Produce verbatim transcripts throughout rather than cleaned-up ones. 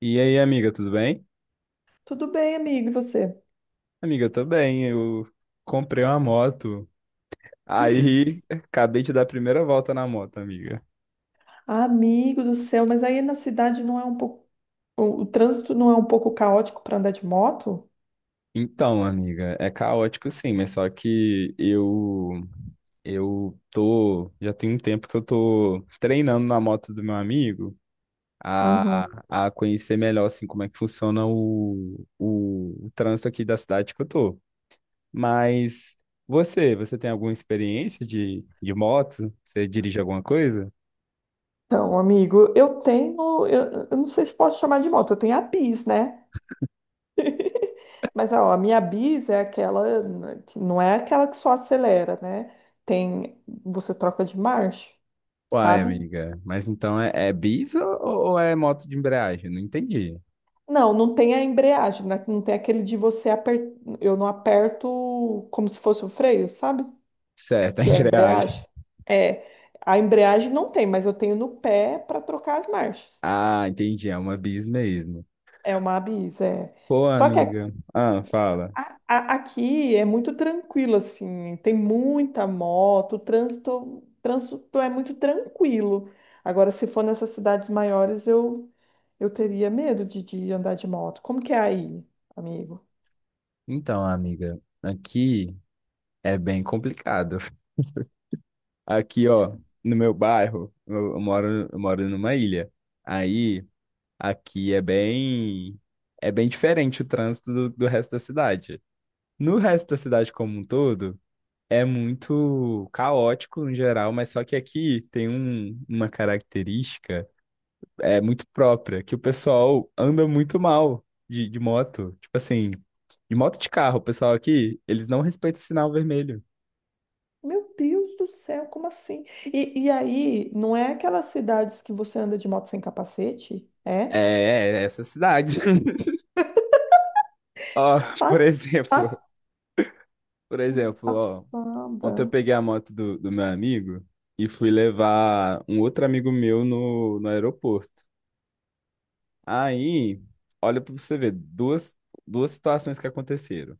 E aí, amiga, tudo bem? Tudo bem, amigo, e você? Amiga, eu tô bem. Eu comprei uma moto. Aí, acabei de dar a primeira volta na moto, amiga. Ah, amigo do céu, mas aí na cidade não é um pouco. O, o trânsito não é um pouco caótico para andar de moto? Então, amiga, é caótico sim, mas só que eu eu tô, já tem um tempo que eu tô treinando na moto do meu amigo Uhum. a, a conhecer melhor assim como é que funciona o, o, o trânsito aqui da cidade que eu tô. Mas você, você tem alguma experiência de, de moto? Você dirige alguma coisa? Então, amigo, eu tenho. Eu, eu não sei se posso chamar de moto, eu tenho a bis, né? Mas ó, a minha bis é aquela. Né, que não é aquela que só acelera, né? Tem. Você troca de marcha, Uai, sabe? amiga, mas então é, é bis ou, ou é moto de embreagem? Não entendi. Não, não tem a embreagem, né? Não tem aquele de você apertar. Eu não aperto como se fosse o freio, sabe? Certo, é Que é a embreagem. embreagem. É, a embreagem não tem, mas eu tenho no pé para trocar as marchas. Ah, entendi, é uma bis mesmo. É uma abis, é. Pô, Só que a- amiga. Ah, fala. a- a- aqui é muito tranquilo, assim, tem muita moto, o trânsito, trânsito é muito tranquilo. Agora, se for nessas cidades maiores, eu, eu teria medo de, de andar de moto. Como que é aí, amigo? Então, amiga, aqui é bem complicado. Aqui, ó, no meu bairro, eu, eu moro, eu moro numa ilha. Aí, aqui é bem, é bem diferente o trânsito do, do resto da cidade. No resto da cidade como um todo, é muito caótico em geral, mas só que aqui tem um- uma característica é muito própria, que o pessoal anda muito mal de, de moto. Tipo assim, de moto de carro, o pessoal aqui, eles não respeitam o sinal vermelho. Meu Deus do céu, como assim? E, e aí, não é aquelas cidades que você anda de moto sem capacete? É? É, é essa cidade. Ó, por Pas- exemplo, pas- por exemplo, ó, ontem eu Passada. peguei a moto do, do meu amigo e fui levar um outro amigo meu no, no aeroporto. Aí, olha pra você ver, duas, duas situações que aconteceram.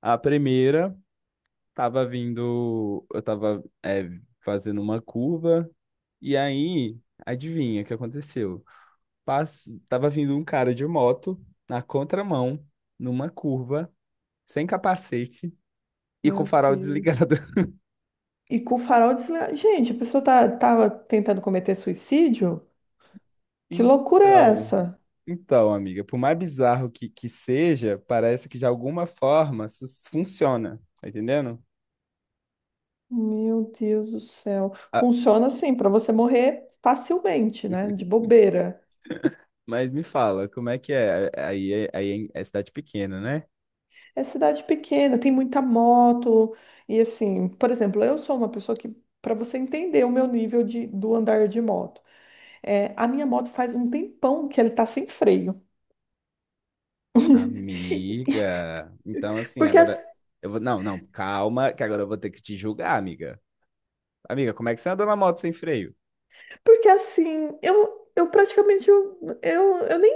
A primeira tava vindo, eu tava é, fazendo uma curva e aí, adivinha o que aconteceu? Pass... Tava vindo um cara de moto na contramão, numa curva, sem capacete e com o Meu farol Deus. desligado. E com o farol desligado. Gente, a pessoa tá, tava tentando cometer suicídio? Que loucura é Então, essa? então, amiga, por mais bizarro que, que seja, parece que de alguma forma isso funciona, tá entendendo? Meu Deus do céu. Ah, Funciona assim, para você morrer facilmente, né? De bobeira. mas me fala, como é que é? Aí, é- aí é é cidade pequena, né? É cidade pequena, tem muita moto. E assim, por exemplo, eu sou uma pessoa que, para você entender o meu nível de, do andar de moto, é, a minha moto faz um tempão que ele tá sem freio. Amiga, então assim, Porque assim, agora eu vou. Não, não, calma, que agora eu vou ter que te julgar, amiga. Amiga, como é que você anda na moto sem freio? Porque assim, eu, eu praticamente eu, eu, eu nem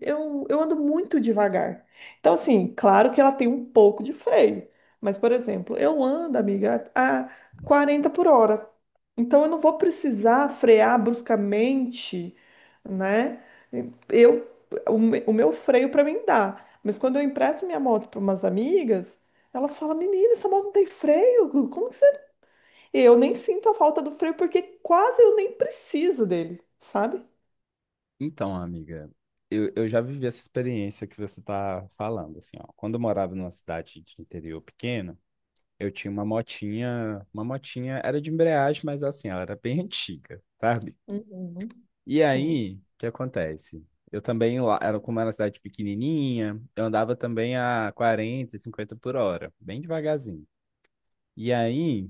eu, eu ando muito devagar. Então, assim, claro que ela tem um pouco de freio. Mas, por exemplo, eu ando, amiga, a quarenta por hora. Então eu não vou precisar frear bruscamente, né? Eu, o, me- o meu freio para mim dá. Mas quando eu empresto minha moto para umas amigas, elas falam, menina, essa moto não tem freio? Como que E eu nem sinto a falta do freio porque quase eu nem preciso dele, sabe? Então, amiga, eu, eu já vivi essa experiência que você tá falando, assim, ó. Quando eu morava numa cidade de interior pequeno, eu tinha uma motinha, uma motinha, era de embreagem, mas assim, ela era bem antiga, sabe? Uhum. E Sim. aí, o que acontece? Eu também, lá, era como era uma cidade pequenininha, eu andava também a quarenta, cinquenta por hora, bem devagarzinho. E aí,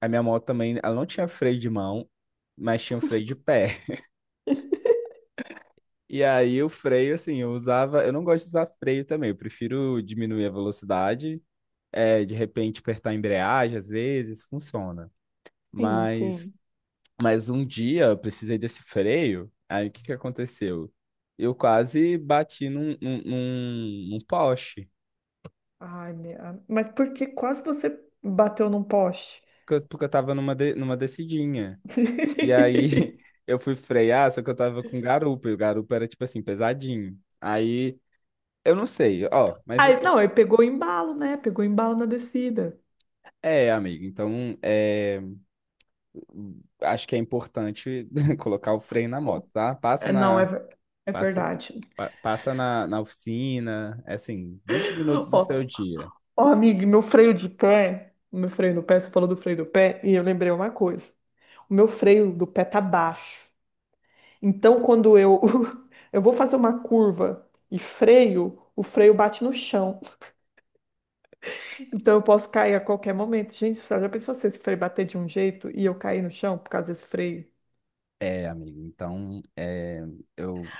a minha moto também, ela não tinha freio de mão, mas tinha um freio de pé. E aí, o freio, assim, eu usava. Eu não gosto de usar freio também, eu prefiro diminuir a velocidade, é, de repente apertar a embreagem, às vezes, funciona. Sim, Mas, sim. mas um dia eu precisei desse freio, aí o que que aconteceu? Eu quase bati num, num, num, num poste, Ai, minha... Mas por que quase você bateu num poste? porque eu, porque eu tava numa, de- numa descidinha. E aí eu fui frear, só que eu tava com garupa, e o garupa era, tipo assim, pesadinho. Aí, eu não sei, ó, mas Aí, assim, não, aí pegou embalo, né? Pegou embalo na descida. é, amigo, então, é, acho que é importante colocar o freio na Ó, moto, tá? Passa é, não, é, na, ver- é passa, verdade. pa- passa na, na oficina, é assim, vinte minutos do seu Ó, dia. ó, amiga, meu freio de pé, meu freio do pé, você falou do freio do pé, e eu lembrei uma coisa. O meu freio do pé tá baixo. Então, quando eu, eu vou fazer uma curva e freio, o freio bate no chão. Então, eu posso cair a qualquer momento. Gente, você já pensou se esse freio bater de um jeito e eu cair no chão por causa desse freio? É, amigo, então, é, eu,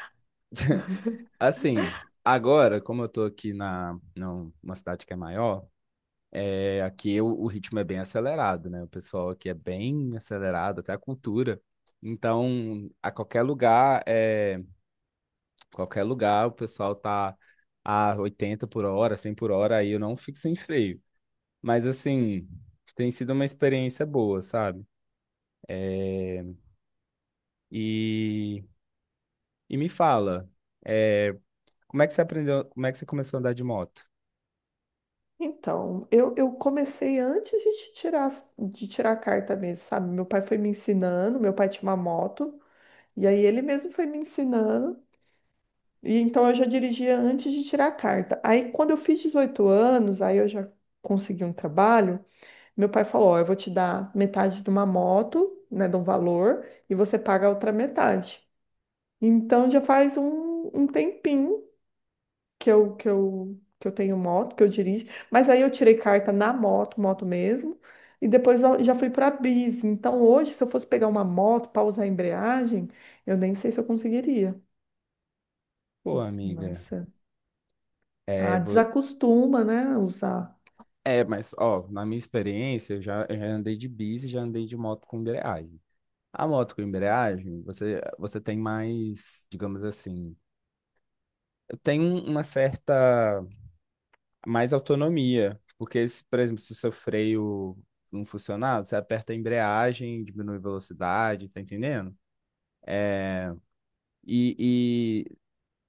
assim, agora, como eu tô aqui na, numa cidade que é maior, é, aqui o, o ritmo é bem acelerado, né? O pessoal aqui é bem acelerado, até a cultura. Então, a qualquer lugar, é, qualquer lugar, o pessoal tá a oitenta por hora, cem por hora, aí eu não fico sem freio. Mas, assim, tem sido uma experiência boa, sabe? É, e, e me fala, é, como é que você aprendeu, como é que você começou a andar de moto? Então, eu, eu comecei antes de te tirar, as- de tirar a carta mesmo, sabe? Meu pai foi me ensinando, meu pai tinha uma moto, e aí ele mesmo foi me ensinando, e então eu já dirigia antes de tirar a carta. Aí, quando eu fiz dezoito anos, aí eu já consegui um trabalho. Meu pai falou: Ó, eu vou te dar metade de uma moto, né, de um valor, e você paga a outra metade. Então já faz um, um tempinho que eu, que eu, que eu tenho moto, que eu dirijo, mas aí eu tirei carta na moto, moto mesmo, e depois eu já fui para bis. Então hoje, se eu fosse pegar uma moto para usar a embreagem, eu nem sei se eu conseguiria. Pô, amiga, Nossa, é, ah, desacostuma, né, usar É, mas, ó, na minha experiência, eu já, eu já andei de bis e já andei de moto com embreagem. A moto com embreagem, você, você tem mais, digamos assim, tem um- uma certa mais autonomia. Porque, se, por exemplo, se o seu freio não funcionar, você aperta a embreagem, diminui a velocidade, tá entendendo? É, e, e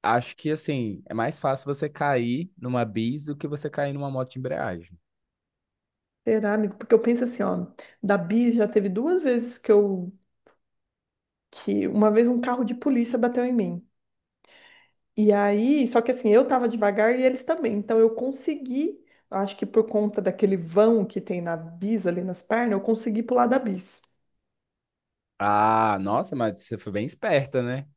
acho que, assim, é mais fácil você cair numa bis do que você cair numa moto de embreagem. cerâmico, porque eu penso assim, ó, da bis já teve duas vezes que eu que uma vez um carro de polícia bateu em mim. E aí, só que assim, eu tava devagar e eles também. Então eu consegui, acho que por conta daquele vão que tem na bis ali nas pernas, eu consegui pular da bis. Ah, nossa, mas você foi bem esperta, né?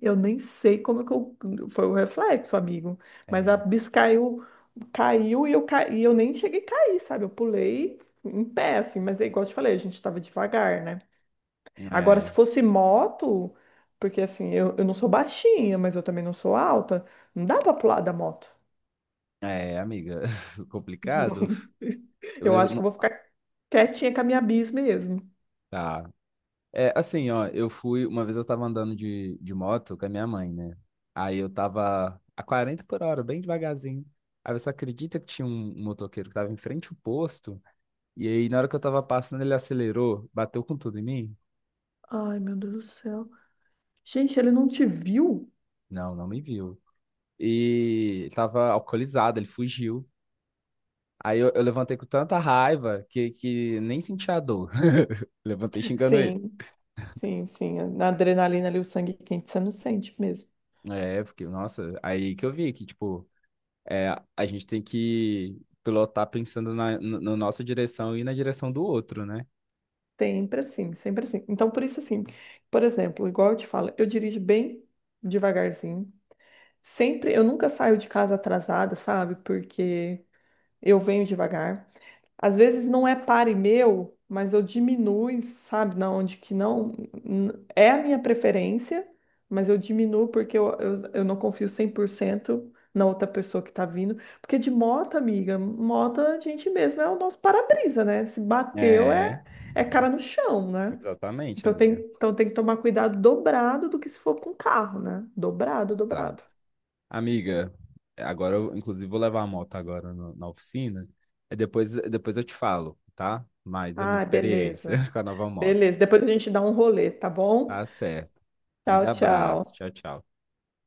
Eu nem sei como que eu, foi o reflexo, amigo, É. mas a bis caiu, caiu e eu ca... e eu nem cheguei a cair, sabe? Eu pulei em pé assim, mas é igual eu te falei, a gente tava devagar, né? Agora, se É, fosse moto, porque assim, eu, eu não sou baixinha, mas eu também não sou alta, não dá pra pular da moto. é, amiga, complicado. Não. Eu Eu era acho que eu vou ficar quietinha com a minha bis mesmo. tá. É, assim, ó, eu fui, uma vez eu tava andando de, de moto com a minha mãe, né? Aí eu tava a quarenta por hora, bem devagarzinho. Aí você acredita que tinha um um motoqueiro que tava em frente ao posto? E aí, na hora que eu tava passando, ele acelerou, bateu com tudo em mim? Ai, meu Deus do céu. Gente, ele não te viu? Não, não me viu. E tava alcoolizado, ele fugiu. Aí eu, eu levantei com tanta raiva que, que nem senti a dor. Levantei xingando ele. Sim, sim, sim. Na adrenalina ali, o sangue quente, você não sente mesmo. É, porque, nossa, aí que eu vi que, tipo, é, a gente tem que pilotar pensando na, no- na nossa direção e na direção do outro, né? Sempre assim, sempre assim. Então, por isso, assim, por exemplo, igual eu te falo, eu dirijo bem devagarzinho. Sempre, eu nunca saio de casa atrasada, sabe? Porque eu venho devagar. Às vezes não é pare meu, mas eu diminuo, sabe, na onde que não n- é a minha preferência, mas eu diminuo porque eu, eu, eu não confio cem por cento na outra pessoa que tá vindo. Porque de moto, amiga, moto a gente mesmo é o nosso para-brisa, né? Se bateu É, é, é cara no chão, né? exatamente, Então tem, amiga. então tem que tomar cuidado dobrado do que se for com carro, né? Dobrado, Tá. dobrado. Amiga, agora eu, inclusive, vou levar a moto agora no- na oficina. E depois, depois eu te falo, tá? Mais a minha Ah, experiência beleza. com a nova moto. Beleza. Depois a gente dá um rolê, tá bom? Tá certo. Grande Tchau, abraço. tchau. Tchau, tchau.